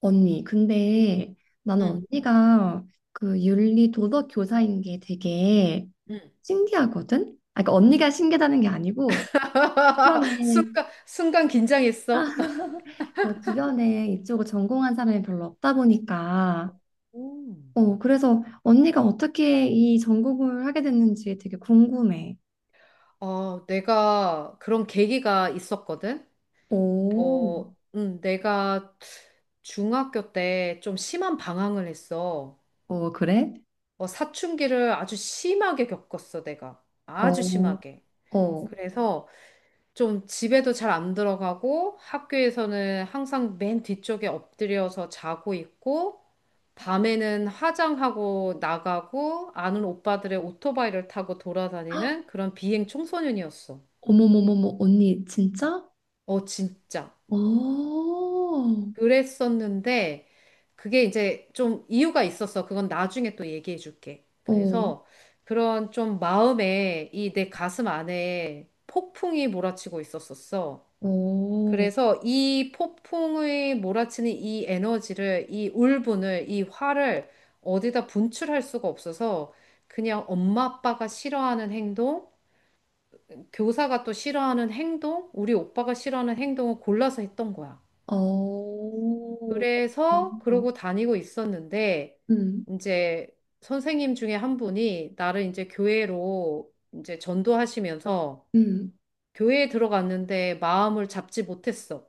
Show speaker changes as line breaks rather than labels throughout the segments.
언니, 근데 나는
응,
언니가 그 윤리 도덕 교사인 게 되게
응.
신기하거든? 아, 그러니까 언니가 신기하다는 게 아니고 주변에
순간, 순간 긴장했어.
그 주변에 이쪽을 전공한 사람이 별로 없다 보니까
음.
어 그래서 언니가 어떻게 이 전공을 하게 됐는지 되게 궁금해.
내가 그런 계기가 있었거든.
오,
내가 중학교 때 좀 심한 방황을 했어.
어 그래?
사춘기를 아주 심하게 겪었어, 내가. 아주
어,
심하게.
어,
그래서 좀 집에도 잘 안 들어가고 학교에서는 항상 맨 뒤쪽에 엎드려서 자고 있고 밤에는 화장하고 나가고 아는 오빠들의 오토바이를 타고
헉,
돌아다니는 그런 비행 청소년이었어.
어머머머머 언니 진짜?
어, 진짜.
어, 어,
그랬었는데 그게 이제 좀 이유가 있었어. 그건 나중에 또 얘기해 줄게. 그래서 그런 좀 마음에 이 내 가슴 안에 폭풍이 몰아치고 있었었어.
어.
그래서 이 폭풍의 몰아치는 이 에너지를, 이 울분을, 이 화를 어디다 분출할 수가 없어서 그냥 엄마 아빠가 싫어하는 행동, 교사가 또 싫어하는 행동, 우리 오빠가 싫어하는 행동을 골라서 했던 거야.
어, 아,
그래서
네.
그러고 다니고 있었는데
음,
이제 선생님 중에 한 분이 나를 이제 교회로 이제 전도하시면서
음,
교회에 들어갔는데 마음을 잡지 못했어.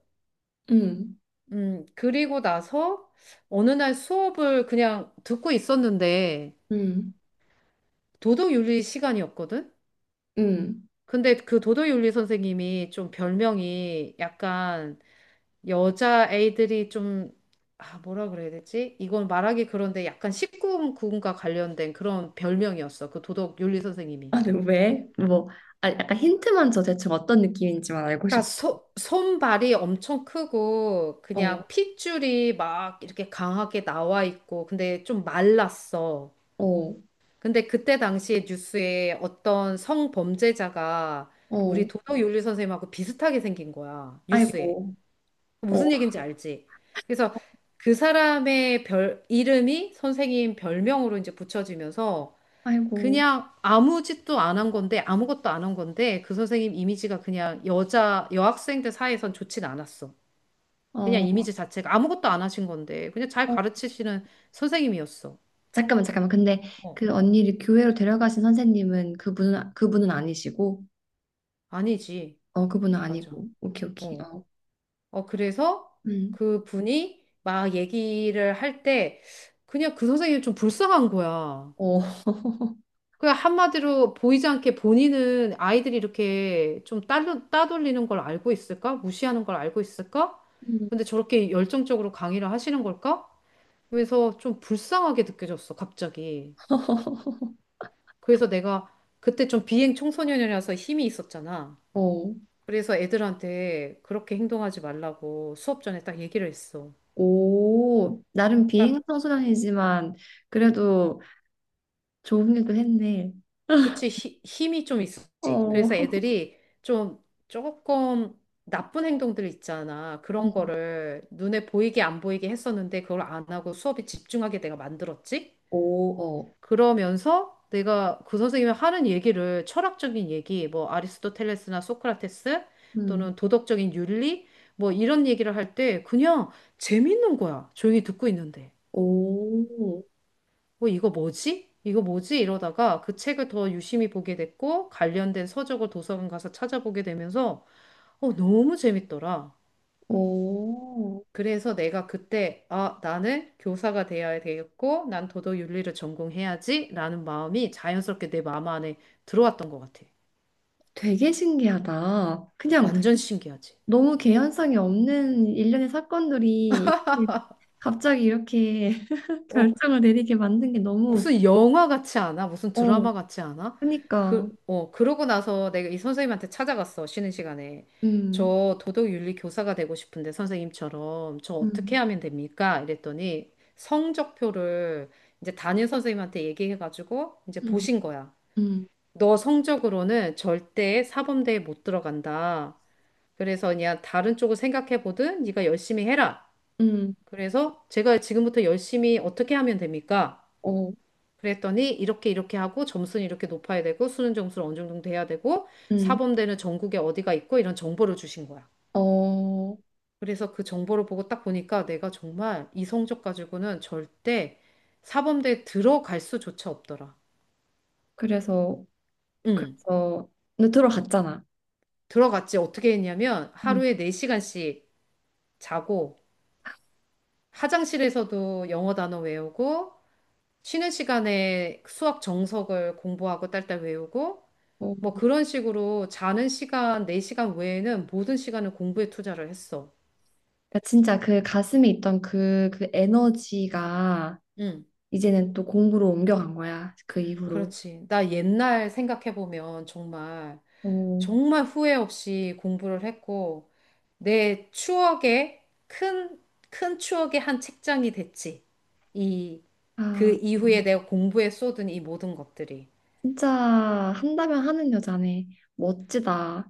음,
그리고 나서 어느 날 수업을 그냥 듣고 있었는데
음,
도덕윤리 시간이었거든?
음.
근데 그 도덕윤리 선생님이 좀 별명이 약간 여자 애들이 좀, 아, 뭐라 그래야 되지? 이건 말하기 그런데 약간 1구금과 관련된 그런 별명이었어. 그 도덕윤리 선생님이.
아니, 왜? 뭐, 아, 약간 힌트만 줘 대충 어떤 느낌인지만 알고
그러니까
싶어.
손발이 엄청 크고 그냥
어,
핏줄이 막 이렇게 강하게 나와 있고 근데 좀 말랐어.
어,
근데 그때 당시에 뉴스에 어떤 성범죄자가
어,
우리 도덕 윤리 선생님하고 비슷하게 생긴 거야. 뉴스에.
아이고, 어,
무슨 얘기인지 알지? 그래서 그 사람의 이름이 선생님 별명으로 이제 붙여지면서
아이고,
그냥 아무 짓도 안 한 건데, 아무것도 안 한 건데, 그 선생님 이미지가 그냥 여학생들 사이에선 좋진 않았어. 그냥
어,
이미지 자체가 아무것도 안 하신 건데, 그냥 잘
어.
가르치시는 선생님이었어.
잠깐만, 잠깐만. 근데
어,
그 언니를 교회로 데려가신 선생님은 그분은 아니시고,
아니지.
어, 그분은
맞아.
아니고. 오케이, 오케이.
어.
어,
그래서
음,
그 분이 막 얘기를 할 때 그냥 그 선생님이 좀 불쌍한 거야.
어,
그냥 한마디로 보이지 않게 본인은 아이들이 이렇게 좀 따돌리는 걸 알고 있을까? 무시하는 걸 알고 있을까?
음,
근데 저렇게 열정적으로 강의를 하시는 걸까? 그래서 좀 불쌍하게 느껴졌어, 갑자기. 그래서 내가 그때 좀 비행 청소년이라서 힘이 있었잖아.
어.
그래서 애들한테 그렇게 행동하지 말라고 수업 전에 딱 얘기를 했어.
오, 나름
그러니까
비행선수단이지만 그래도 좋은 일도 했네.
그치, 힘이 좀 있었지.
어.
그래서 애들이 좀 조금 나쁜 행동들 있잖아. 그런
음.
거를 눈에 보이게 안 보이게 했었는데 그걸 안 하고 수업에 집중하게 내가 만들었지.
오, 어.
그러면서 내가 그 선생님이 하는 얘기를 철학적인 얘기, 뭐 아리스토텔레스나 소크라테스
음.
또는 도덕적인 윤리 뭐 이런 얘기를 할 때 그냥 재밌는 거야. 조용히 듣고 있는데.
오,
어, 이거 뭐지? 이거 뭐지? 이러다가 그 책을 더 유심히 보게 됐고, 관련된 서적을 도서관 가서 찾아보게 되면서, 너무 재밌더라.
오.
그래서 내가 그때, 아, 나는 교사가 되어야 되겠고, 난 도덕윤리를 전공해야지, 라는 마음이 자연스럽게 내 마음 안에 들어왔던 것 같아.
되게 신기하다. 그냥
완전 신기하지?
너무 개연성이 없는 일련의 사건들이 갑자기 이렇게
어?
결정을 내리게 만든 게 너무,
무슨 영화 같지 않아? 무슨
어,
드라마 같지 않아?
그러니까,
그러고 나서 내가 이 선생님한테 찾아갔어, 쉬는 시간에.
음,
저 도덕윤리 교사가 되고 싶은데, 선생님처럼. 저 어떻게
음,
하면 됩니까? 이랬더니 성적표를 이제 담임 선생님한테 얘기해가지고 이제
음,
보신 거야.
음,
너 성적으로는 절대 사범대에 못 들어간다. 그래서 그냥 다른 쪽을 생각해보든 네가 열심히 해라.
음,
그래서 제가 지금부터 열심히 어떻게 하면 됩니까?
어,
그랬더니 이렇게 이렇게 하고 점수는 이렇게 높아야 되고 수능 점수는 어느 정도 돼야 되고
음,
사범대는 전국에 어디가 있고 이런 정보를 주신 거야.
어,
그래서 그 정보를 보고 딱 보니까 내가 정말 이 성적 가지고는 절대 사범대에 들어갈 수조차 없더라.
그래서,
응.
그래서 근데 들어갔잖아.
들어갔지. 어떻게 했냐면
음.
하루에 4시간씩 자고 화장실에서도 영어 단어 외우고 쉬는 시간에 수학 정석을 공부하고 딸딸 외우고
어,
뭐 그런 식으로 자는 시간, 내 시간 외에는 모든 시간을 공부에 투자를 했어.
그러니까 진짜 그 가슴에 있던 그 에너지가
응,
이제는 또 공부로 옮겨간 거야. 그 이후로.
그렇지. 나 옛날 생각해보면 정말,
어,
정말 후회 없이 공부를 했고, 내 추억의 큰, 큰 추억의 한 책장이 됐지. 이, 그
아,
이후에 내가 공부에 쏟은 이 모든 것들이.
진짜 한다면 하는 여자네. 멋지다.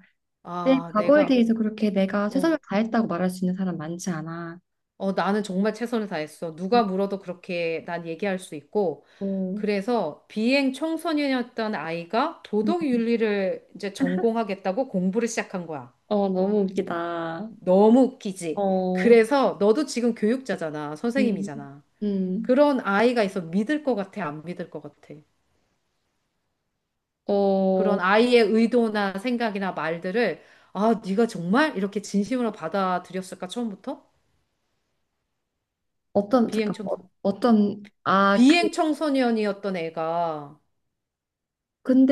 내
아,
과거에 대해서 그렇게 내가
어
최선을 다했다고 말할 수 있는 사람 많지 않아.
나는 정말 최선을 다했어. 누가 물어도 그렇게 난 얘기할 수 있고.
어,
그래서 비행 청소년이었던 아이가
음.
도덕 윤리를 이제 전공하겠다고 공부를 시작한 거야.
어, 너무 웃기다.
너무 웃기지.
어,
그래서 너도 지금 교육자잖아.
음.
선생님이잖아.
음,
그런 아이가 있어. 믿을 것 같아? 안 믿을 것 같아?
어,
그런 아이의 의도나 생각이나 말들을 아, 네가 정말 이렇게 진심으로 받아들였을까? 처음부터?
어떤,
비행
잠깐, 어,
청소
어떤, 아, 그,
비행 청소년이었던 애가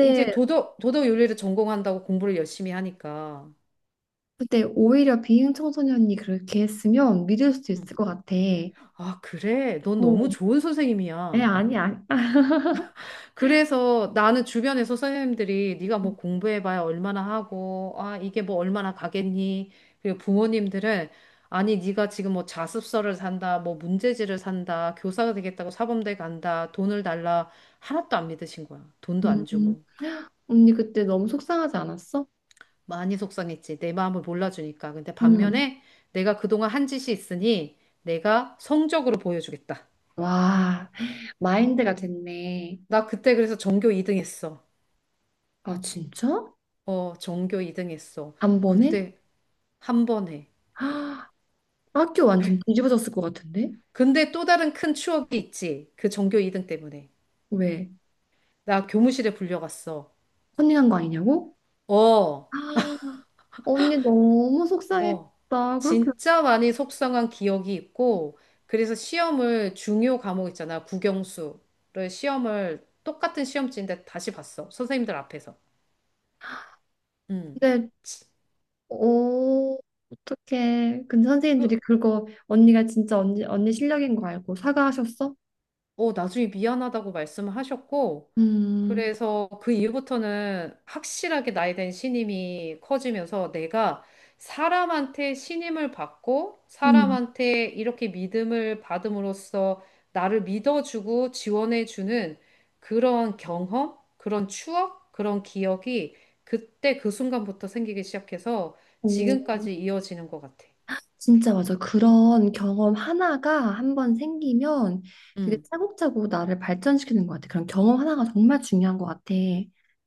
이제 도덕 윤리를 전공한다고 공부를 열심히 하니까.
근데 오히려 비행 청소년이 그렇게 했으면 믿을 수도
음.
있을 것 같아.
아, 그래. 넌 너무
어,
좋은
에,
선생님이야.
아니야. 아,
그래서 나는 주변에서 선생님들이 네가 뭐 공부해봐야 얼마나 하고, 아, 이게 뭐 얼마나 가겠니? 그리고 부모님들은 아니, 네가 지금 뭐 자습서를 산다, 뭐 문제지를 산다, 교사가 되겠다고 사범대 간다, 돈을 달라. 하나도 안 믿으신 거야. 돈도
음,
안
음.
주고.
언니 그때 너무 속상하지 않았어?
많이 속상했지. 내 마음을 몰라주니까. 근데
음.
반면에 내가 그동안 한 짓이 있으니 내가 성적으로 보여주겠다.
와, 마인드가 됐네.
나 그때 그래서 전교 2등 했어.
아, 진짜?
어, 전교 2등 했어.
한 번에?
그때 한 번에.
아, 학교 완전 뒤집어졌을 것 같은데?
근데 또 다른 큰 추억이 있지. 그 전교 2등 때문에.
왜?
나 교무실에 불려갔어.
컨닝한 거 아니냐고?
어,
아, 언니 너무
어.
속상했다. 그렇게.
진짜 많이 속상한 기억이 있고, 그래서 시험을 중요 과목 있잖아. 국영수를 시험을 똑같은 시험지인데 다시 봤어. 선생님들 앞에서. 음.
근데 오, 어떡해. 근데 선생님들이
그,
그거 언니가 진짜 언니 실력인 거 알고 사과하셨어?
나중에 미안하다고 말씀을 하셨고,
음,
그래서 그 이후부터는 확실하게 나이 된 신임이 커지면서 내가 사람한테 신임을 받고,
음,
사람한테 이렇게 믿음을 받음으로써 나를 믿어주고 지원해주는 그런 경험, 그런 추억, 그런 기억이 그때 그 순간부터 생기기 시작해서
오,
지금까지 이어지는 것 같아.
진짜 맞아. 그런 경험 하나가 한번 생기면 그게
음.
차곡차곡 나를 발전시키는 것 같아. 그런 경험 하나가 정말 중요한 것 같아.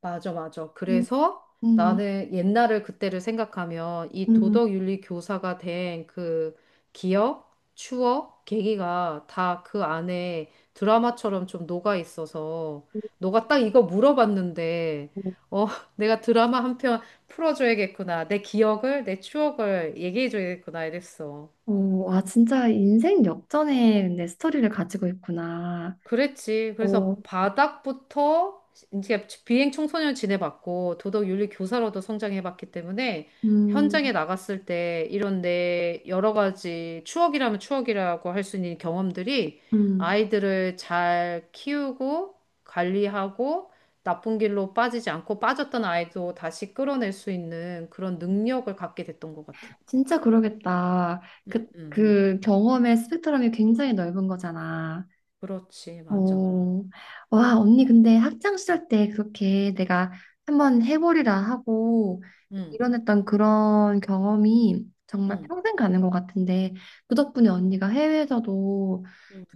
맞아, 맞아.
음,
그래서
음,
나는 옛날을 그때를 생각하면 이
음.
도덕윤리 교사가 된 그 기억, 추억, 계기가 다 그 안에 드라마처럼 좀 녹아 있어서 너가 딱 이거 물어봤는데 어, 내가 드라마 한편 풀어줘야겠구나. 내 기억을, 내 추억을 얘기해줘야겠구나 이랬어.
오, 와, 진짜 인생 역전의 내 스토리를 가지고 있구나.
그랬지.
어,
그래서 바닥부터 이제 비행 청소년 지내봤고 도덕 윤리 교사로도 성장해봤기 때문에
음,
현장에 나갔을 때 이런 내 여러 가지 추억이라면 추억이라고 할 수 있는 경험들이
음.
아이들을 잘 키우고 관리하고 나쁜 길로 빠지지 않고 빠졌던 아이도 다시 끌어낼 수 있는 그런 능력을 갖게 됐던 것 같아.
진짜 그러겠다. 그,
음.
그 경험의 스펙트럼이 굉장히 넓은 거잖아.
그렇지, 맞아.
어, 와, 언니 근데 학창 시절 때 그렇게 내가 한번 해보리라 하고
응,
일어났던 그런 경험이 정말
응.
평생 가는 것 같은데 그 덕분에 언니가 해외에서도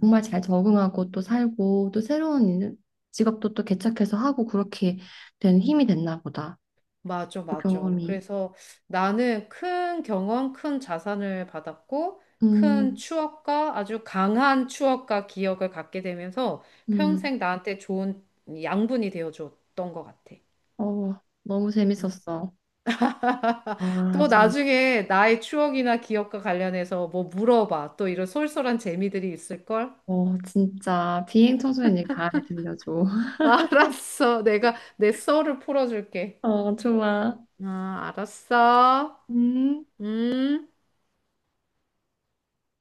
정말 잘 적응하고 또 살고 또 새로운 일- 직업도 또 개척해서 하고 그렇게 된 힘이 됐나 보다.
맞아,
그
맞아.
경험이.
그래서 나는 큰 경험, 큰 자산을 받았고, 큰
음,
추억과 아주 강한 추억과 기억을 갖게 되면서
음,
평생 나한테 좋은 양분이 되어 줬던 것 같아.
어, 너무 재밌었어. 아,
또
좀,
나중에 나의 추억이나 기억과 관련해서 뭐 물어봐. 또 이런 쏠쏠한 재미들이 있을걸?
어, 진짜 비행 청소년 얘기 다음에 들려줘.
알았어. 내가 내 썰을 풀어줄게.
어, 좋아.
아, 알았어.
음.
음.